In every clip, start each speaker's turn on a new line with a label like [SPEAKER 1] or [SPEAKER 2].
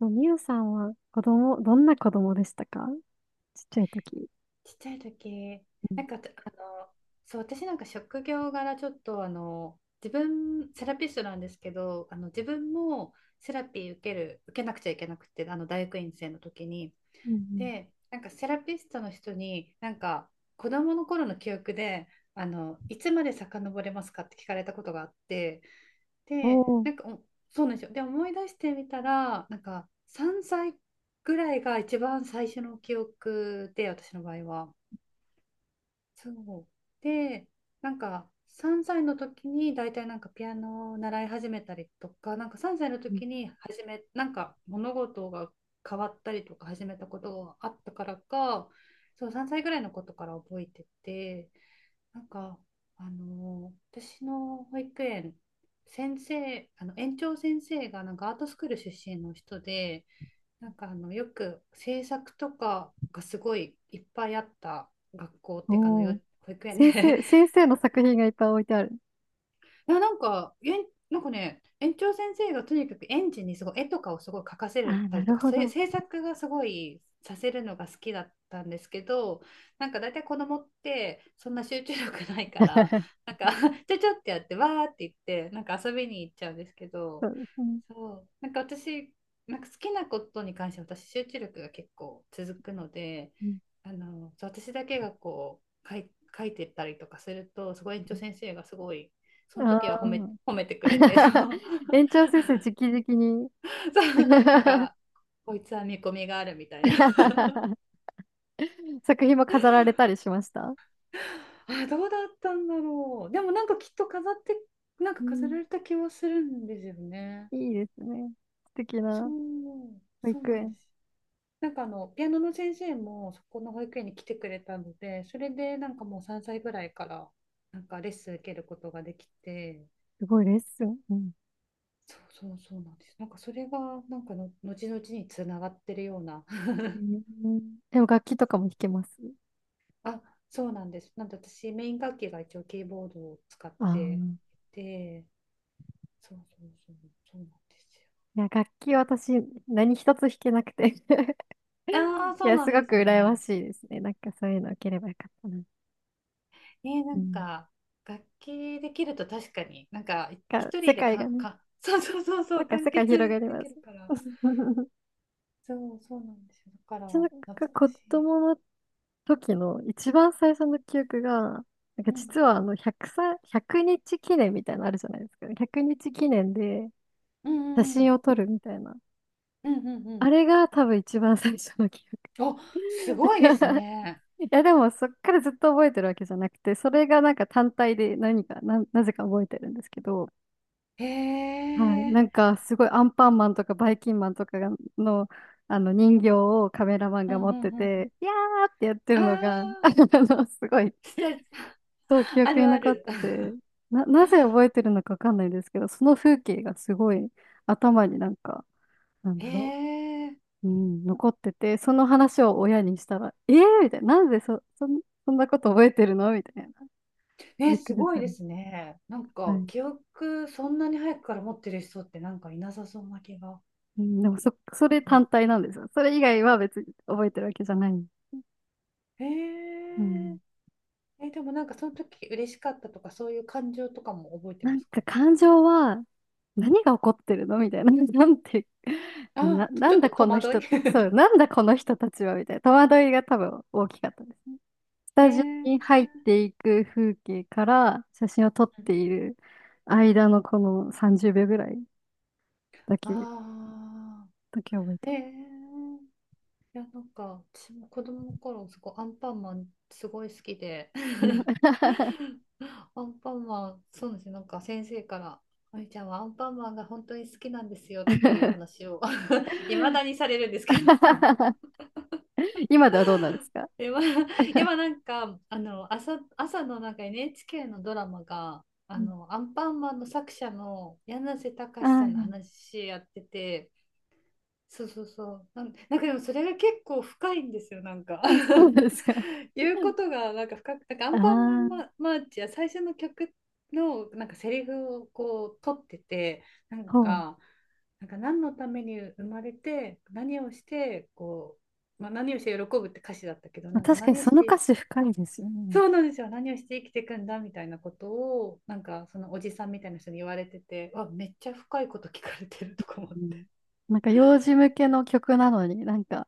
[SPEAKER 1] そうみゆさんは子供、どんな子供でしたか？ちっちゃい時。
[SPEAKER 2] ちっちゃい時、
[SPEAKER 1] うん。
[SPEAKER 2] なんかあの、そう、私なんか職業柄ちょっと自分、セラピストなんですけど、自分もセラピー受けなくちゃいけなくて、大学院生の時に。
[SPEAKER 1] うんう
[SPEAKER 2] で、なんかセラピストの人に、なんか子供の頃の記憶で、いつまで遡れますかって聞かれたことがあって、
[SPEAKER 1] ん。
[SPEAKER 2] で、
[SPEAKER 1] おー、
[SPEAKER 2] なんかそうなんですよ。で、思い出してみたら、なんか3歳ぐらいが一番最初の記憶で、私の場合は。そう。で、なんか3歳の時に大体なんかピアノを習い始めたりとか、なんか3歳の
[SPEAKER 1] うん
[SPEAKER 2] 時に始めなんか物事が変わったりとか始めたことがあったからか、そう、3歳ぐらいのことから覚えてて、なんか私の保育園先生、園長先生がなんかアートスクール出身の人で、なんかよく制作とかがすごいいっぱいあった学校ってかの
[SPEAKER 1] お
[SPEAKER 2] よ、
[SPEAKER 1] ー。
[SPEAKER 2] 保育園
[SPEAKER 1] 先
[SPEAKER 2] で。
[SPEAKER 1] 生、先生の作品がいっぱい置いてある。
[SPEAKER 2] いや、なんか、なんかね、園長先生がとにかく園児にすごい絵とかをすごい描か
[SPEAKER 1] あ
[SPEAKER 2] せ
[SPEAKER 1] あ、
[SPEAKER 2] た
[SPEAKER 1] な
[SPEAKER 2] りと
[SPEAKER 1] る
[SPEAKER 2] か、
[SPEAKER 1] ほ
[SPEAKER 2] そういう
[SPEAKER 1] ど。
[SPEAKER 2] 制作がすごいさせるのが好きだったんですけど、なんか大体子供ってそんな集中力ないから、なんか ちょちょってやって、わーって言って、なんか遊びに行っちゃうんですけ
[SPEAKER 1] そ
[SPEAKER 2] ど、
[SPEAKER 1] うですね。
[SPEAKER 2] そう、なんか私、なんか好きなことに関して私、集中力が結構続くので、
[SPEAKER 1] うん
[SPEAKER 2] そう、私だけがこう、書いてたりとかすると、すごい園長先生がすごい、その
[SPEAKER 1] あ
[SPEAKER 2] 時は
[SPEAKER 1] あ。
[SPEAKER 2] 褒めてくれて、そう。
[SPEAKER 1] 園 長先生、直々に
[SPEAKER 2] そう、なん か、こいつは見込みがあるみたいな。
[SPEAKER 1] 作品も飾られたりしました？
[SPEAKER 2] あ、どうだったんだろう。でもなんかきっと飾って、なんか
[SPEAKER 1] う
[SPEAKER 2] 飾
[SPEAKER 1] ん、
[SPEAKER 2] られた気はするんですよね。
[SPEAKER 1] いいですね。素敵
[SPEAKER 2] そ
[SPEAKER 1] な
[SPEAKER 2] う
[SPEAKER 1] 保
[SPEAKER 2] そう
[SPEAKER 1] 育
[SPEAKER 2] なんで
[SPEAKER 1] 園。
[SPEAKER 2] す。なんかピアノの先生もそこの保育園に来てくれたので、それでなんかもう3歳ぐらいからなんかレッスン受けることができて、
[SPEAKER 1] すごいレッスン。うん、
[SPEAKER 2] そうそうそうなんです。なんかそれがなんかの後々につながってるような。
[SPEAKER 1] うんでも楽器とかも弾けます？
[SPEAKER 2] あ、そうなんです。なんで私、メイン楽器が一応キーボードを使っ
[SPEAKER 1] あ
[SPEAKER 2] て
[SPEAKER 1] あ。
[SPEAKER 2] て、そうそうそう、そうなんですよ。
[SPEAKER 1] いや、楽器私、何一つ弾けなくて
[SPEAKER 2] ああ、
[SPEAKER 1] い
[SPEAKER 2] そう
[SPEAKER 1] や、
[SPEAKER 2] なん
[SPEAKER 1] すご
[SPEAKER 2] です
[SPEAKER 1] く羨ま
[SPEAKER 2] ね。
[SPEAKER 1] しいですね。なんかそういうの受ければよかったな。
[SPEAKER 2] な
[SPEAKER 1] う
[SPEAKER 2] ん
[SPEAKER 1] ん。
[SPEAKER 2] か、楽器できると確かに、なんか、
[SPEAKER 1] が、
[SPEAKER 2] 一
[SPEAKER 1] 世
[SPEAKER 2] 人で
[SPEAKER 1] 界がね、
[SPEAKER 2] そうそうそうそ
[SPEAKER 1] なん
[SPEAKER 2] う、
[SPEAKER 1] か
[SPEAKER 2] 完
[SPEAKER 1] 世界広が
[SPEAKER 2] 結
[SPEAKER 1] り
[SPEAKER 2] で
[SPEAKER 1] ま
[SPEAKER 2] き
[SPEAKER 1] す。
[SPEAKER 2] るから。そう、そうなんですよ。だから、
[SPEAKER 1] 私なんか
[SPEAKER 2] 懐か
[SPEAKER 1] 子
[SPEAKER 2] しい。
[SPEAKER 1] 供の時の一番最初の記憶が、なんか
[SPEAKER 2] うん、
[SPEAKER 1] 実はあの100歳、1日記念みたいなのあるじゃないですか。100日記念で
[SPEAKER 2] う
[SPEAKER 1] 写
[SPEAKER 2] ん、うん、
[SPEAKER 1] 真を撮るみたいな。
[SPEAKER 2] うん、うんうんうん。
[SPEAKER 1] あれが多分一番最初の記憶。
[SPEAKER 2] お、すごいです ね。
[SPEAKER 1] いやでもそっからずっと覚えてるわけじゃなくて、それがなんか単体で何か、なぜか覚えてるんですけど、
[SPEAKER 2] へ
[SPEAKER 1] はい。
[SPEAKER 2] え、
[SPEAKER 1] なんかすごいアンパンマンとかバイキンマンとかがの、あの人形をカメラマン
[SPEAKER 2] うん、
[SPEAKER 1] が
[SPEAKER 2] う
[SPEAKER 1] 持って
[SPEAKER 2] ん、うん。
[SPEAKER 1] て、いやーってやって
[SPEAKER 2] あ
[SPEAKER 1] るのが、あ
[SPEAKER 2] あ。
[SPEAKER 1] の、すごい、
[SPEAKER 2] さ
[SPEAKER 1] そう記
[SPEAKER 2] あ
[SPEAKER 1] 憶に
[SPEAKER 2] るあ
[SPEAKER 1] 残っ
[SPEAKER 2] る。
[SPEAKER 1] てて、なぜ覚えてるのかわかんないですけど、その風景がすごい頭になんか、なん
[SPEAKER 2] へ
[SPEAKER 1] だろ
[SPEAKER 2] え、
[SPEAKER 1] う、うん、残ってて、その話を親にしたら、えーみたいな、なんでそ、そんなこと覚えてるのみたいな。
[SPEAKER 2] え、
[SPEAKER 1] びっく
[SPEAKER 2] す
[SPEAKER 1] り
[SPEAKER 2] ご
[SPEAKER 1] す
[SPEAKER 2] いで
[SPEAKER 1] る。
[SPEAKER 2] すね。なん
[SPEAKER 1] は
[SPEAKER 2] か
[SPEAKER 1] い。
[SPEAKER 2] 記憶そんなに早くから持ってる人ってなんかいなさそうな気が。
[SPEAKER 1] うん、でもそれ
[SPEAKER 2] う
[SPEAKER 1] 単
[SPEAKER 2] ん。
[SPEAKER 1] 体なんですよ。それ以外は別に覚えてるわけじゃない。
[SPEAKER 2] へ
[SPEAKER 1] う
[SPEAKER 2] え、
[SPEAKER 1] ん。
[SPEAKER 2] え、でもなんかその時嬉しかったとかそういう感情とかも覚えて
[SPEAKER 1] な
[SPEAKER 2] ま
[SPEAKER 1] ん
[SPEAKER 2] すか？
[SPEAKER 1] か感情は何が起こってるのみたいな。なんて、
[SPEAKER 2] あ、
[SPEAKER 1] な
[SPEAKER 2] ちょ
[SPEAKER 1] ん
[SPEAKER 2] っと
[SPEAKER 1] だこ
[SPEAKER 2] 戸
[SPEAKER 1] の
[SPEAKER 2] 惑い。
[SPEAKER 1] 人と、そう、なんだこの人たちはみたいな。戸惑いが多分大きかったですね。ス
[SPEAKER 2] へ
[SPEAKER 1] タジオ
[SPEAKER 2] え、う
[SPEAKER 1] に
[SPEAKER 2] ん
[SPEAKER 1] 入っていく風景から写真を撮っ
[SPEAKER 2] うん、
[SPEAKER 1] ている間のこの30秒ぐらいだけ、
[SPEAKER 2] ああ
[SPEAKER 1] だけ覚えて
[SPEAKER 2] ー、へ
[SPEAKER 1] ま
[SPEAKER 2] え。
[SPEAKER 1] す。
[SPEAKER 2] いや、なんか、私も子供の頃、すごいアンパンマンすごい好きで、アンパンマン、そうなんですよ、なんか先生から、あゆちゃんはアンパンマンが本当に好きなんですよとかいう話を いまだに されるんですけど。
[SPEAKER 1] 今ではどうなんです か？
[SPEAKER 2] 今、今なんか、朝のなんか NHK のドラマが、
[SPEAKER 1] うん
[SPEAKER 2] アンパンマンの作者の柳瀬
[SPEAKER 1] あ
[SPEAKER 2] 隆さんの
[SPEAKER 1] ー
[SPEAKER 2] 話やってて、そうそうそう。なんかでもそれが結構深いんですよ、なんか。
[SPEAKER 1] あ、そう ですか。
[SPEAKER 2] 言うこ とがなんか深く、なんかア
[SPEAKER 1] あ
[SPEAKER 2] ンパンマン
[SPEAKER 1] あ、
[SPEAKER 2] ママーチや最初の曲のなんかセリフをこう取ってて、なん
[SPEAKER 1] ほう。
[SPEAKER 2] か、なんか何のために生まれて、何をして、こう、まあ、何をして喜ぶって歌詞だったけど、
[SPEAKER 1] まあ
[SPEAKER 2] なんか
[SPEAKER 1] 確かに
[SPEAKER 2] 何をし
[SPEAKER 1] その歌
[SPEAKER 2] て、
[SPEAKER 1] 詞深いですよね。
[SPEAKER 2] そうなんですよ、何をして生きていくんだみたいなことを、なんかそのおじさんみたいな人に言われてて、わめっちゃ深いこと聞かれてるとか思っ
[SPEAKER 1] う
[SPEAKER 2] て。
[SPEAKER 1] ん。なんか幼児向けの曲なのになんか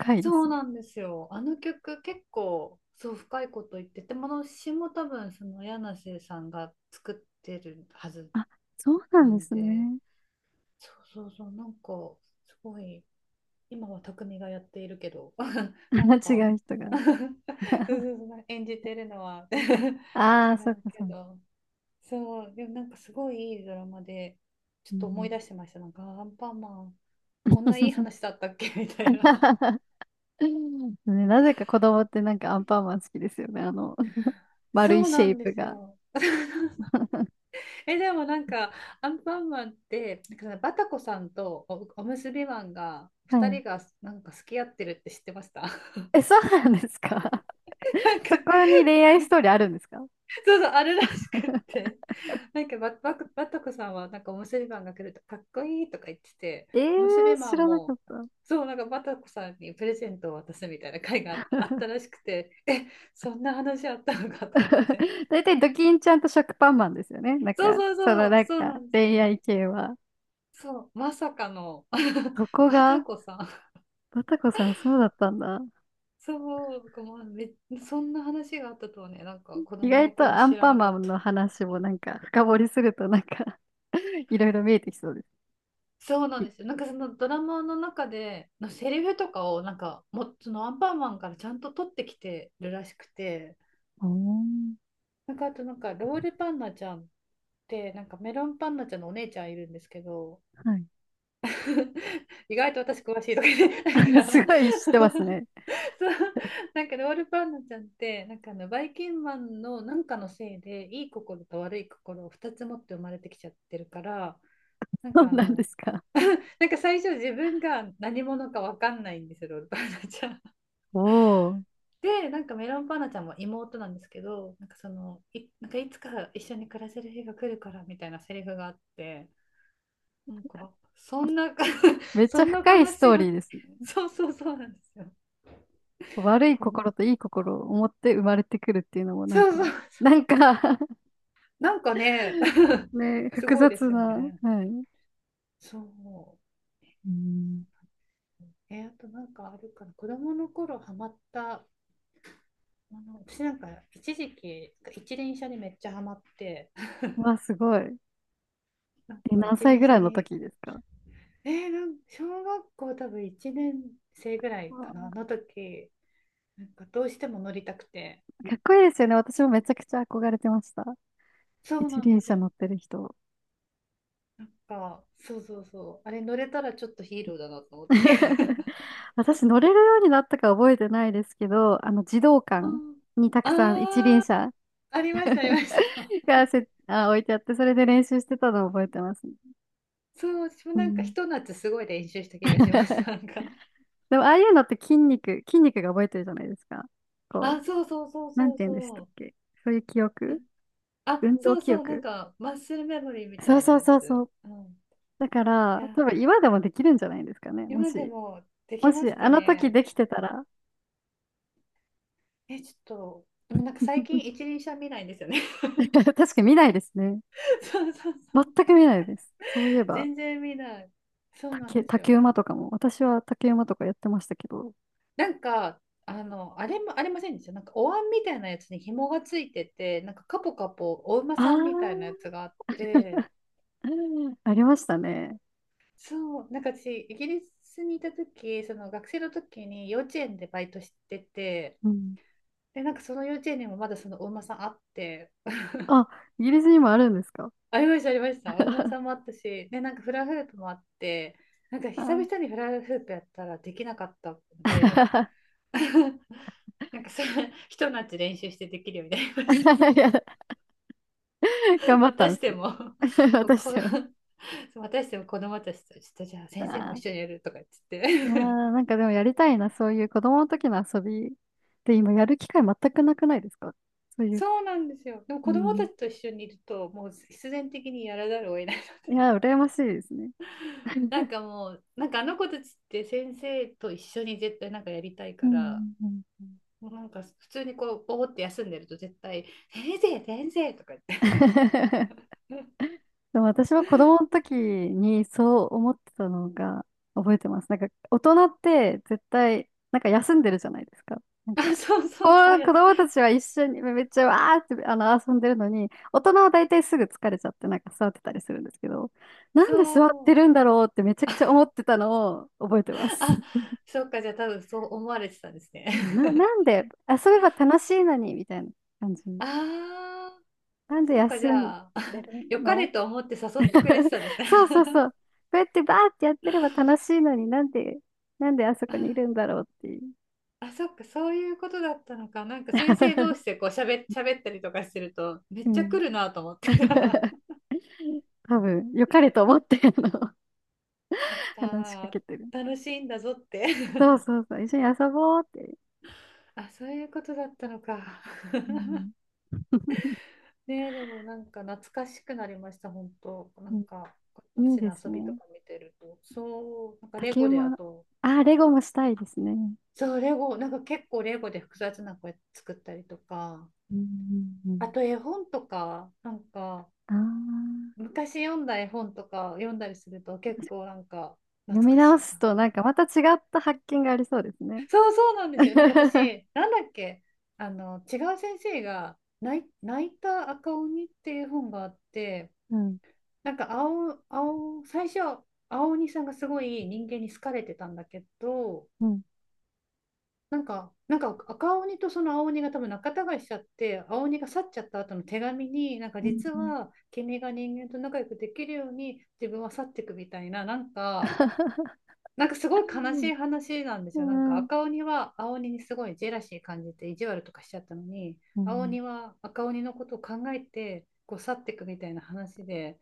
[SPEAKER 1] 深いで
[SPEAKER 2] そ
[SPEAKER 1] す
[SPEAKER 2] う
[SPEAKER 1] ね。
[SPEAKER 2] なんですよ。あの曲結構そう深いこと言ってて、もの詞も多分その柳瀬さんが作ってるはず
[SPEAKER 1] あ、そうな
[SPEAKER 2] な
[SPEAKER 1] んで
[SPEAKER 2] ん
[SPEAKER 1] す
[SPEAKER 2] で、
[SPEAKER 1] ね。
[SPEAKER 2] そうそうそう、なんかすごい、今は匠がやっているけど、なん
[SPEAKER 1] 違
[SPEAKER 2] か。
[SPEAKER 1] う人
[SPEAKER 2] そ
[SPEAKER 1] が。
[SPEAKER 2] うそうそう、演じてるのは
[SPEAKER 1] あ
[SPEAKER 2] 違
[SPEAKER 1] あ、そっ
[SPEAKER 2] う
[SPEAKER 1] か
[SPEAKER 2] け
[SPEAKER 1] そっか。
[SPEAKER 2] ど、そう、でもなんかすごいいいドラマで、ちょ
[SPEAKER 1] う
[SPEAKER 2] っと思い
[SPEAKER 1] ん
[SPEAKER 2] 出してました。なんかアンパンマン、こんないい話だったっけ みたいな。
[SPEAKER 1] ね、なぜか子供ってなんかアンパンマン好きですよね。あの、丸い
[SPEAKER 2] そう
[SPEAKER 1] シ
[SPEAKER 2] な
[SPEAKER 1] ェイ
[SPEAKER 2] んで
[SPEAKER 1] プ
[SPEAKER 2] す
[SPEAKER 1] が。
[SPEAKER 2] よ。え、でもなんか、アンパンマンって、なんかバタコさんとおむすびマンが、
[SPEAKER 1] は
[SPEAKER 2] 二
[SPEAKER 1] い。
[SPEAKER 2] 人がなんか好き合ってるって知ってました？
[SPEAKER 1] え、そうなんですか？
[SPEAKER 2] なん か、
[SPEAKER 1] そこに恋愛ストーリーあるんですか？
[SPEAKER 2] そうそう、あるらしくっ て。なんかバタコさんは、なんかおむすびマンが来ると、かっこいいとか言ってて、
[SPEAKER 1] え
[SPEAKER 2] おむすび
[SPEAKER 1] ー、
[SPEAKER 2] マ
[SPEAKER 1] 知
[SPEAKER 2] ン
[SPEAKER 1] らなか
[SPEAKER 2] も、
[SPEAKER 1] った。
[SPEAKER 2] そう、なんかバタコさんにプレゼントを渡すみたいな会がああったらしくて、え、そんな話あったのかと思って。
[SPEAKER 1] 大体ドキンちゃんと食パンマンですよね。なん
[SPEAKER 2] そう
[SPEAKER 1] か、
[SPEAKER 2] そう
[SPEAKER 1] その
[SPEAKER 2] そう、
[SPEAKER 1] なん
[SPEAKER 2] そう
[SPEAKER 1] か
[SPEAKER 2] なんです
[SPEAKER 1] 恋
[SPEAKER 2] よ。
[SPEAKER 1] 愛系は。
[SPEAKER 2] そう、まさかの
[SPEAKER 1] そこ
[SPEAKER 2] バタ
[SPEAKER 1] が、
[SPEAKER 2] コさん。
[SPEAKER 1] バタコさんそうだったんだ。
[SPEAKER 2] そう、まあ、そんな話があったとはね、なんか子
[SPEAKER 1] 意
[SPEAKER 2] 供の
[SPEAKER 1] 外と
[SPEAKER 2] 頃
[SPEAKER 1] ア
[SPEAKER 2] 知
[SPEAKER 1] ン
[SPEAKER 2] ら
[SPEAKER 1] パ
[SPEAKER 2] な
[SPEAKER 1] ンマ
[SPEAKER 2] かっ
[SPEAKER 1] ンの
[SPEAKER 2] た。
[SPEAKER 1] 話もなんか深掘りするとなんか いろいろ見えてきそうです。
[SPEAKER 2] そうなん
[SPEAKER 1] い
[SPEAKER 2] ですよ。なんかそのドラマの中でのセリフとかをなんかもそのアンパンマンからちゃんと取ってきてるらしくて、
[SPEAKER 1] おー
[SPEAKER 2] なんかあと、なんかロールパンナちゃんってなんかメロンパンナちゃんのお姉ちゃんいるんですけど、
[SPEAKER 1] は
[SPEAKER 2] 意外と私詳しいとかね、
[SPEAKER 1] い。
[SPEAKER 2] なん
[SPEAKER 1] す
[SPEAKER 2] か
[SPEAKER 1] ごい知ってますね。
[SPEAKER 2] そう。 なんかロールパンナちゃんってなんかバイキンマンのなんかのせいで、いい心と悪い心を二つ持って生まれてきちゃってるから、なん
[SPEAKER 1] そう
[SPEAKER 2] か
[SPEAKER 1] なんですか。
[SPEAKER 2] なんか最初自分が何者か分かんないんですよ、オールパンナちゃん。
[SPEAKER 1] おお、
[SPEAKER 2] で、なんかメロンパンナちゃんも妹なんですけど、なんかそのなんかいつか一緒に暮らせる日が来るからみたいなセリフがあって、なんかそんな。
[SPEAKER 1] め っち
[SPEAKER 2] そ
[SPEAKER 1] ゃ
[SPEAKER 2] んな
[SPEAKER 1] 深い
[SPEAKER 2] 悲
[SPEAKER 1] ス
[SPEAKER 2] しい
[SPEAKER 1] トーリ
[SPEAKER 2] は。
[SPEAKER 1] ーですね。
[SPEAKER 2] そうそうそうなんですよ。
[SPEAKER 1] 悪い
[SPEAKER 2] この。
[SPEAKER 1] 心といい心を持って生まれてくるっていうのもなん
[SPEAKER 2] そうそ
[SPEAKER 1] か、
[SPEAKER 2] う
[SPEAKER 1] な
[SPEAKER 2] そう、
[SPEAKER 1] んか
[SPEAKER 2] なんかね。
[SPEAKER 1] ね、
[SPEAKER 2] す
[SPEAKER 1] 複
[SPEAKER 2] ごいで
[SPEAKER 1] 雑
[SPEAKER 2] すよ
[SPEAKER 1] な、
[SPEAKER 2] ね。
[SPEAKER 1] はい。
[SPEAKER 2] そう。
[SPEAKER 1] うん
[SPEAKER 2] え、あとなんかあるかな。子供の頃ハマったもの、私なんか一時期一輪車にめっちゃハマって、
[SPEAKER 1] わあ、すごい。
[SPEAKER 2] なん
[SPEAKER 1] え、
[SPEAKER 2] か
[SPEAKER 1] 何
[SPEAKER 2] 一
[SPEAKER 1] 歳
[SPEAKER 2] 輪
[SPEAKER 1] ぐら
[SPEAKER 2] 車
[SPEAKER 1] いの
[SPEAKER 2] に。
[SPEAKER 1] 時ですか？
[SPEAKER 2] えーなん小学校多分1年生ぐらいかな、
[SPEAKER 1] わ
[SPEAKER 2] の時、なんかどうしても乗りたくて。
[SPEAKER 1] あかっこいいですよね。私もめちゃくちゃ憧れてました。
[SPEAKER 2] そう
[SPEAKER 1] 一
[SPEAKER 2] なんで
[SPEAKER 1] 輪
[SPEAKER 2] す
[SPEAKER 1] 車
[SPEAKER 2] よ。
[SPEAKER 1] 乗ってる人。
[SPEAKER 2] なんか、そうそうそう。あれ乗れたらちょっとヒーローだなと思って。
[SPEAKER 1] 私乗れるようになったか覚えてないですけど、あの、児童
[SPEAKER 2] う
[SPEAKER 1] 館
[SPEAKER 2] ん、
[SPEAKER 1] にたくさん一輪
[SPEAKER 2] ああ、
[SPEAKER 1] 車
[SPEAKER 2] ありました、ありまし た。
[SPEAKER 1] がせ、あ、置いてあって、それで練習してたのを覚えてますね。
[SPEAKER 2] そう、私も
[SPEAKER 1] う
[SPEAKER 2] なんかひ
[SPEAKER 1] ん
[SPEAKER 2] と夏すごい練習した気がします。なんか、
[SPEAKER 1] でも、ああいうのって筋肉が覚えてるじゃないですか。こ
[SPEAKER 2] あ、そうそうそう
[SPEAKER 1] う、なん
[SPEAKER 2] そ
[SPEAKER 1] て
[SPEAKER 2] う
[SPEAKER 1] 言うんでした
[SPEAKER 2] そ
[SPEAKER 1] っ
[SPEAKER 2] う。
[SPEAKER 1] け？そういう記憶、
[SPEAKER 2] あ、
[SPEAKER 1] 運動
[SPEAKER 2] そう
[SPEAKER 1] 記
[SPEAKER 2] そう、なん
[SPEAKER 1] 憶。
[SPEAKER 2] かマッスルメモリーみた
[SPEAKER 1] そう
[SPEAKER 2] いな
[SPEAKER 1] そう
[SPEAKER 2] や
[SPEAKER 1] そうそ
[SPEAKER 2] つ。
[SPEAKER 1] う。
[SPEAKER 2] うん。
[SPEAKER 1] だから、
[SPEAKER 2] いやー、
[SPEAKER 1] 多分今でもできるんじゃないですかね。も
[SPEAKER 2] 今で
[SPEAKER 1] し、
[SPEAKER 2] もでき
[SPEAKER 1] も
[SPEAKER 2] ま
[SPEAKER 1] し、
[SPEAKER 2] す
[SPEAKER 1] あ
[SPEAKER 2] か
[SPEAKER 1] の時
[SPEAKER 2] ね？
[SPEAKER 1] できてたら。
[SPEAKER 2] え、ちょっと、でもなんか最近一 輪車見ないんですよね。
[SPEAKER 1] 確かに見ないですね。
[SPEAKER 2] そうそうそう。
[SPEAKER 1] 全く見ないです。そういえば、
[SPEAKER 2] 全然見ない。そうなんですよ。
[SPEAKER 1] 竹馬とかも、私は竹馬とかやってましたけど。
[SPEAKER 2] なんか、あれも、ありませんでした。なんかお椀みたいなやつに紐がついてて、なんかカポカポお馬
[SPEAKER 1] あ
[SPEAKER 2] さんみたいなや
[SPEAKER 1] あ、
[SPEAKER 2] つがあって、
[SPEAKER 1] うんありましたね。
[SPEAKER 2] そう、なんか私、イギリスにいた時、その学生の時に幼稚園でバイトしてて、
[SPEAKER 1] うん。
[SPEAKER 2] で、なんかその幼稚園にもまだそのお馬さんあって、
[SPEAKER 1] あ、イギリスにもあるんですか？
[SPEAKER 2] ありました、ありました。お馬
[SPEAKER 1] あ
[SPEAKER 2] さんもあったし、で、なんかフラフープもあって、なんか久
[SPEAKER 1] ー
[SPEAKER 2] 々にフラフープやったらできなかったので、なんかそれ、ひと夏練習してできるようになりました。
[SPEAKER 1] いや、頑 張っ
[SPEAKER 2] ま
[SPEAKER 1] た
[SPEAKER 2] た
[SPEAKER 1] ん
[SPEAKER 2] し
[SPEAKER 1] です
[SPEAKER 2] て
[SPEAKER 1] ね。
[SPEAKER 2] も、もうこ、
[SPEAKER 1] 私は。
[SPEAKER 2] またしても子供たちと、ちょっとじゃあ
[SPEAKER 1] あ
[SPEAKER 2] 先生も
[SPEAKER 1] ー
[SPEAKER 2] 一緒にやるとか言っ
[SPEAKER 1] いや
[SPEAKER 2] て。
[SPEAKER 1] ー、なんかでもやりたいな、そういう子供の時の遊び。で、今やる機会全くなくないですか？そういう。
[SPEAKER 2] そうなんですよ。でも
[SPEAKER 1] う
[SPEAKER 2] 子供
[SPEAKER 1] ん
[SPEAKER 2] たちと一緒にいると、もう必然的にやらざるを得ない。
[SPEAKER 1] い や、羨ましいですね。うん
[SPEAKER 2] なんかもう、なんかあの子たちって先生と一緒に絶対なんかやりたい
[SPEAKER 1] う
[SPEAKER 2] から、
[SPEAKER 1] んうん
[SPEAKER 2] もうなんか普通にこう、ぼーって休んでると絶対、先生、先生とか言って。
[SPEAKER 1] でも私は子供の時にそう思ってたのが覚えてます。なんか大人って絶対なんか休んでるじゃないですか。なん
[SPEAKER 2] あ、
[SPEAKER 1] か
[SPEAKER 2] そう
[SPEAKER 1] こ
[SPEAKER 2] そうそう
[SPEAKER 1] う
[SPEAKER 2] や、
[SPEAKER 1] 子供たちは一緒にめっちゃわーってあの遊んでるのに大人は大体すぐ疲れちゃってなんか座ってたりするんですけどなんで座っ
[SPEAKER 2] そ
[SPEAKER 1] て
[SPEAKER 2] う。
[SPEAKER 1] るんだろうってめちゃくちゃ思ってたのを覚えてます。
[SPEAKER 2] あ、そっか、じゃあ多分そう思われてたんですね。
[SPEAKER 1] なん で遊べば楽しいのにみたいな感じ。
[SPEAKER 2] ああ、
[SPEAKER 1] なんで
[SPEAKER 2] そっか、じ
[SPEAKER 1] 休ん
[SPEAKER 2] ゃあ、
[SPEAKER 1] で る
[SPEAKER 2] 良かれ
[SPEAKER 1] の？
[SPEAKER 2] と思って誘ってくれて たんですね。
[SPEAKER 1] そうそうそう。こうやってバーってやってれば楽しいのになんで、なんであそ
[SPEAKER 2] あー
[SPEAKER 1] こにいるんだろうっていう。
[SPEAKER 2] あ、そっか、そういうことだったのか。なんか先生同 士でこう喋ったりとかしてると、め
[SPEAKER 1] う
[SPEAKER 2] っちゃ
[SPEAKER 1] ん。
[SPEAKER 2] 来るなと思ってた。
[SPEAKER 1] 多分、良かれと思って、あの、
[SPEAKER 2] そっ
[SPEAKER 1] 話しか
[SPEAKER 2] か、
[SPEAKER 1] けてる。
[SPEAKER 2] 楽しいんだぞって。
[SPEAKER 1] そう そうそう。一緒に遊ぼうって。
[SPEAKER 2] あ、そういうことだったのか。
[SPEAKER 1] う ん。
[SPEAKER 2] ねえ、でもなんか懐かしくなりました、本当。な
[SPEAKER 1] う
[SPEAKER 2] ん
[SPEAKER 1] ん
[SPEAKER 2] か
[SPEAKER 1] いい
[SPEAKER 2] 私
[SPEAKER 1] で
[SPEAKER 2] の
[SPEAKER 1] す
[SPEAKER 2] 遊びと
[SPEAKER 1] ね。
[SPEAKER 2] か見てると、そう、なんかレ
[SPEAKER 1] 竹
[SPEAKER 2] ゴで、あ
[SPEAKER 1] 馬。
[SPEAKER 2] と、
[SPEAKER 1] あレゴもしたいですね。
[SPEAKER 2] そう、レゴ、なんか結構レゴで複雑な声作ったりとか、
[SPEAKER 1] うんうんう
[SPEAKER 2] あ
[SPEAKER 1] ん。
[SPEAKER 2] と絵本とか、なんか
[SPEAKER 1] ああ、
[SPEAKER 2] 昔読んだ絵本とか読んだりすると結構なんか
[SPEAKER 1] 読
[SPEAKER 2] 懐
[SPEAKER 1] み
[SPEAKER 2] か
[SPEAKER 1] 直
[SPEAKER 2] しい
[SPEAKER 1] すと
[SPEAKER 2] な。
[SPEAKER 1] なんかまた違った発見がありそうですね。
[SPEAKER 2] そうそうなんですよ。なんか 私、なんだっけ、違う先生が泣いた赤鬼っていう本があって、
[SPEAKER 1] うん。
[SPEAKER 2] なんか最初、青鬼さんがすごい人間に好かれてたんだけど、
[SPEAKER 1] うん。
[SPEAKER 2] なんか、なんか赤鬼とその青鬼が多分仲違いしちゃって、青鬼が去っちゃった後の手紙に、なんか
[SPEAKER 1] うん
[SPEAKER 2] 実
[SPEAKER 1] うん
[SPEAKER 2] は君が人間と仲良くできるように自分は去っていくみたいな、なんか、なんかすごい悲しい話なんで
[SPEAKER 1] う
[SPEAKER 2] すよ。なんか
[SPEAKER 1] ん、
[SPEAKER 2] 赤鬼は青鬼にすごいジェラシー感じて意地悪とかしちゃったのに、
[SPEAKER 1] う
[SPEAKER 2] 青
[SPEAKER 1] ん
[SPEAKER 2] 鬼は赤鬼のことを考えてこう去っていくみたいな話で、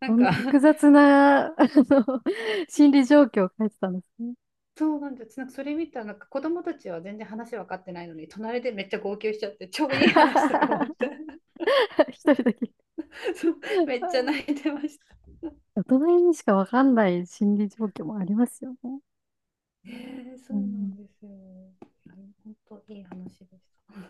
[SPEAKER 2] なん
[SPEAKER 1] そんな
[SPEAKER 2] か。
[SPEAKER 1] 複 雑な、あの、心理状況を書いてたんですね。
[SPEAKER 2] そうなんです。なんかそれ見たらなんか子供たちは全然話分かってないのに、隣でめっちゃ号泣しちゃって、超いい話とか思っ て。
[SPEAKER 1] 一人だけ。
[SPEAKER 2] そう、めっちゃ泣いてました。
[SPEAKER 1] 大人にしかわかんない心理状況もありますよね。
[SPEAKER 2] えそ
[SPEAKER 1] う
[SPEAKER 2] うなん
[SPEAKER 1] ん
[SPEAKER 2] ですよ。本当いい話でした。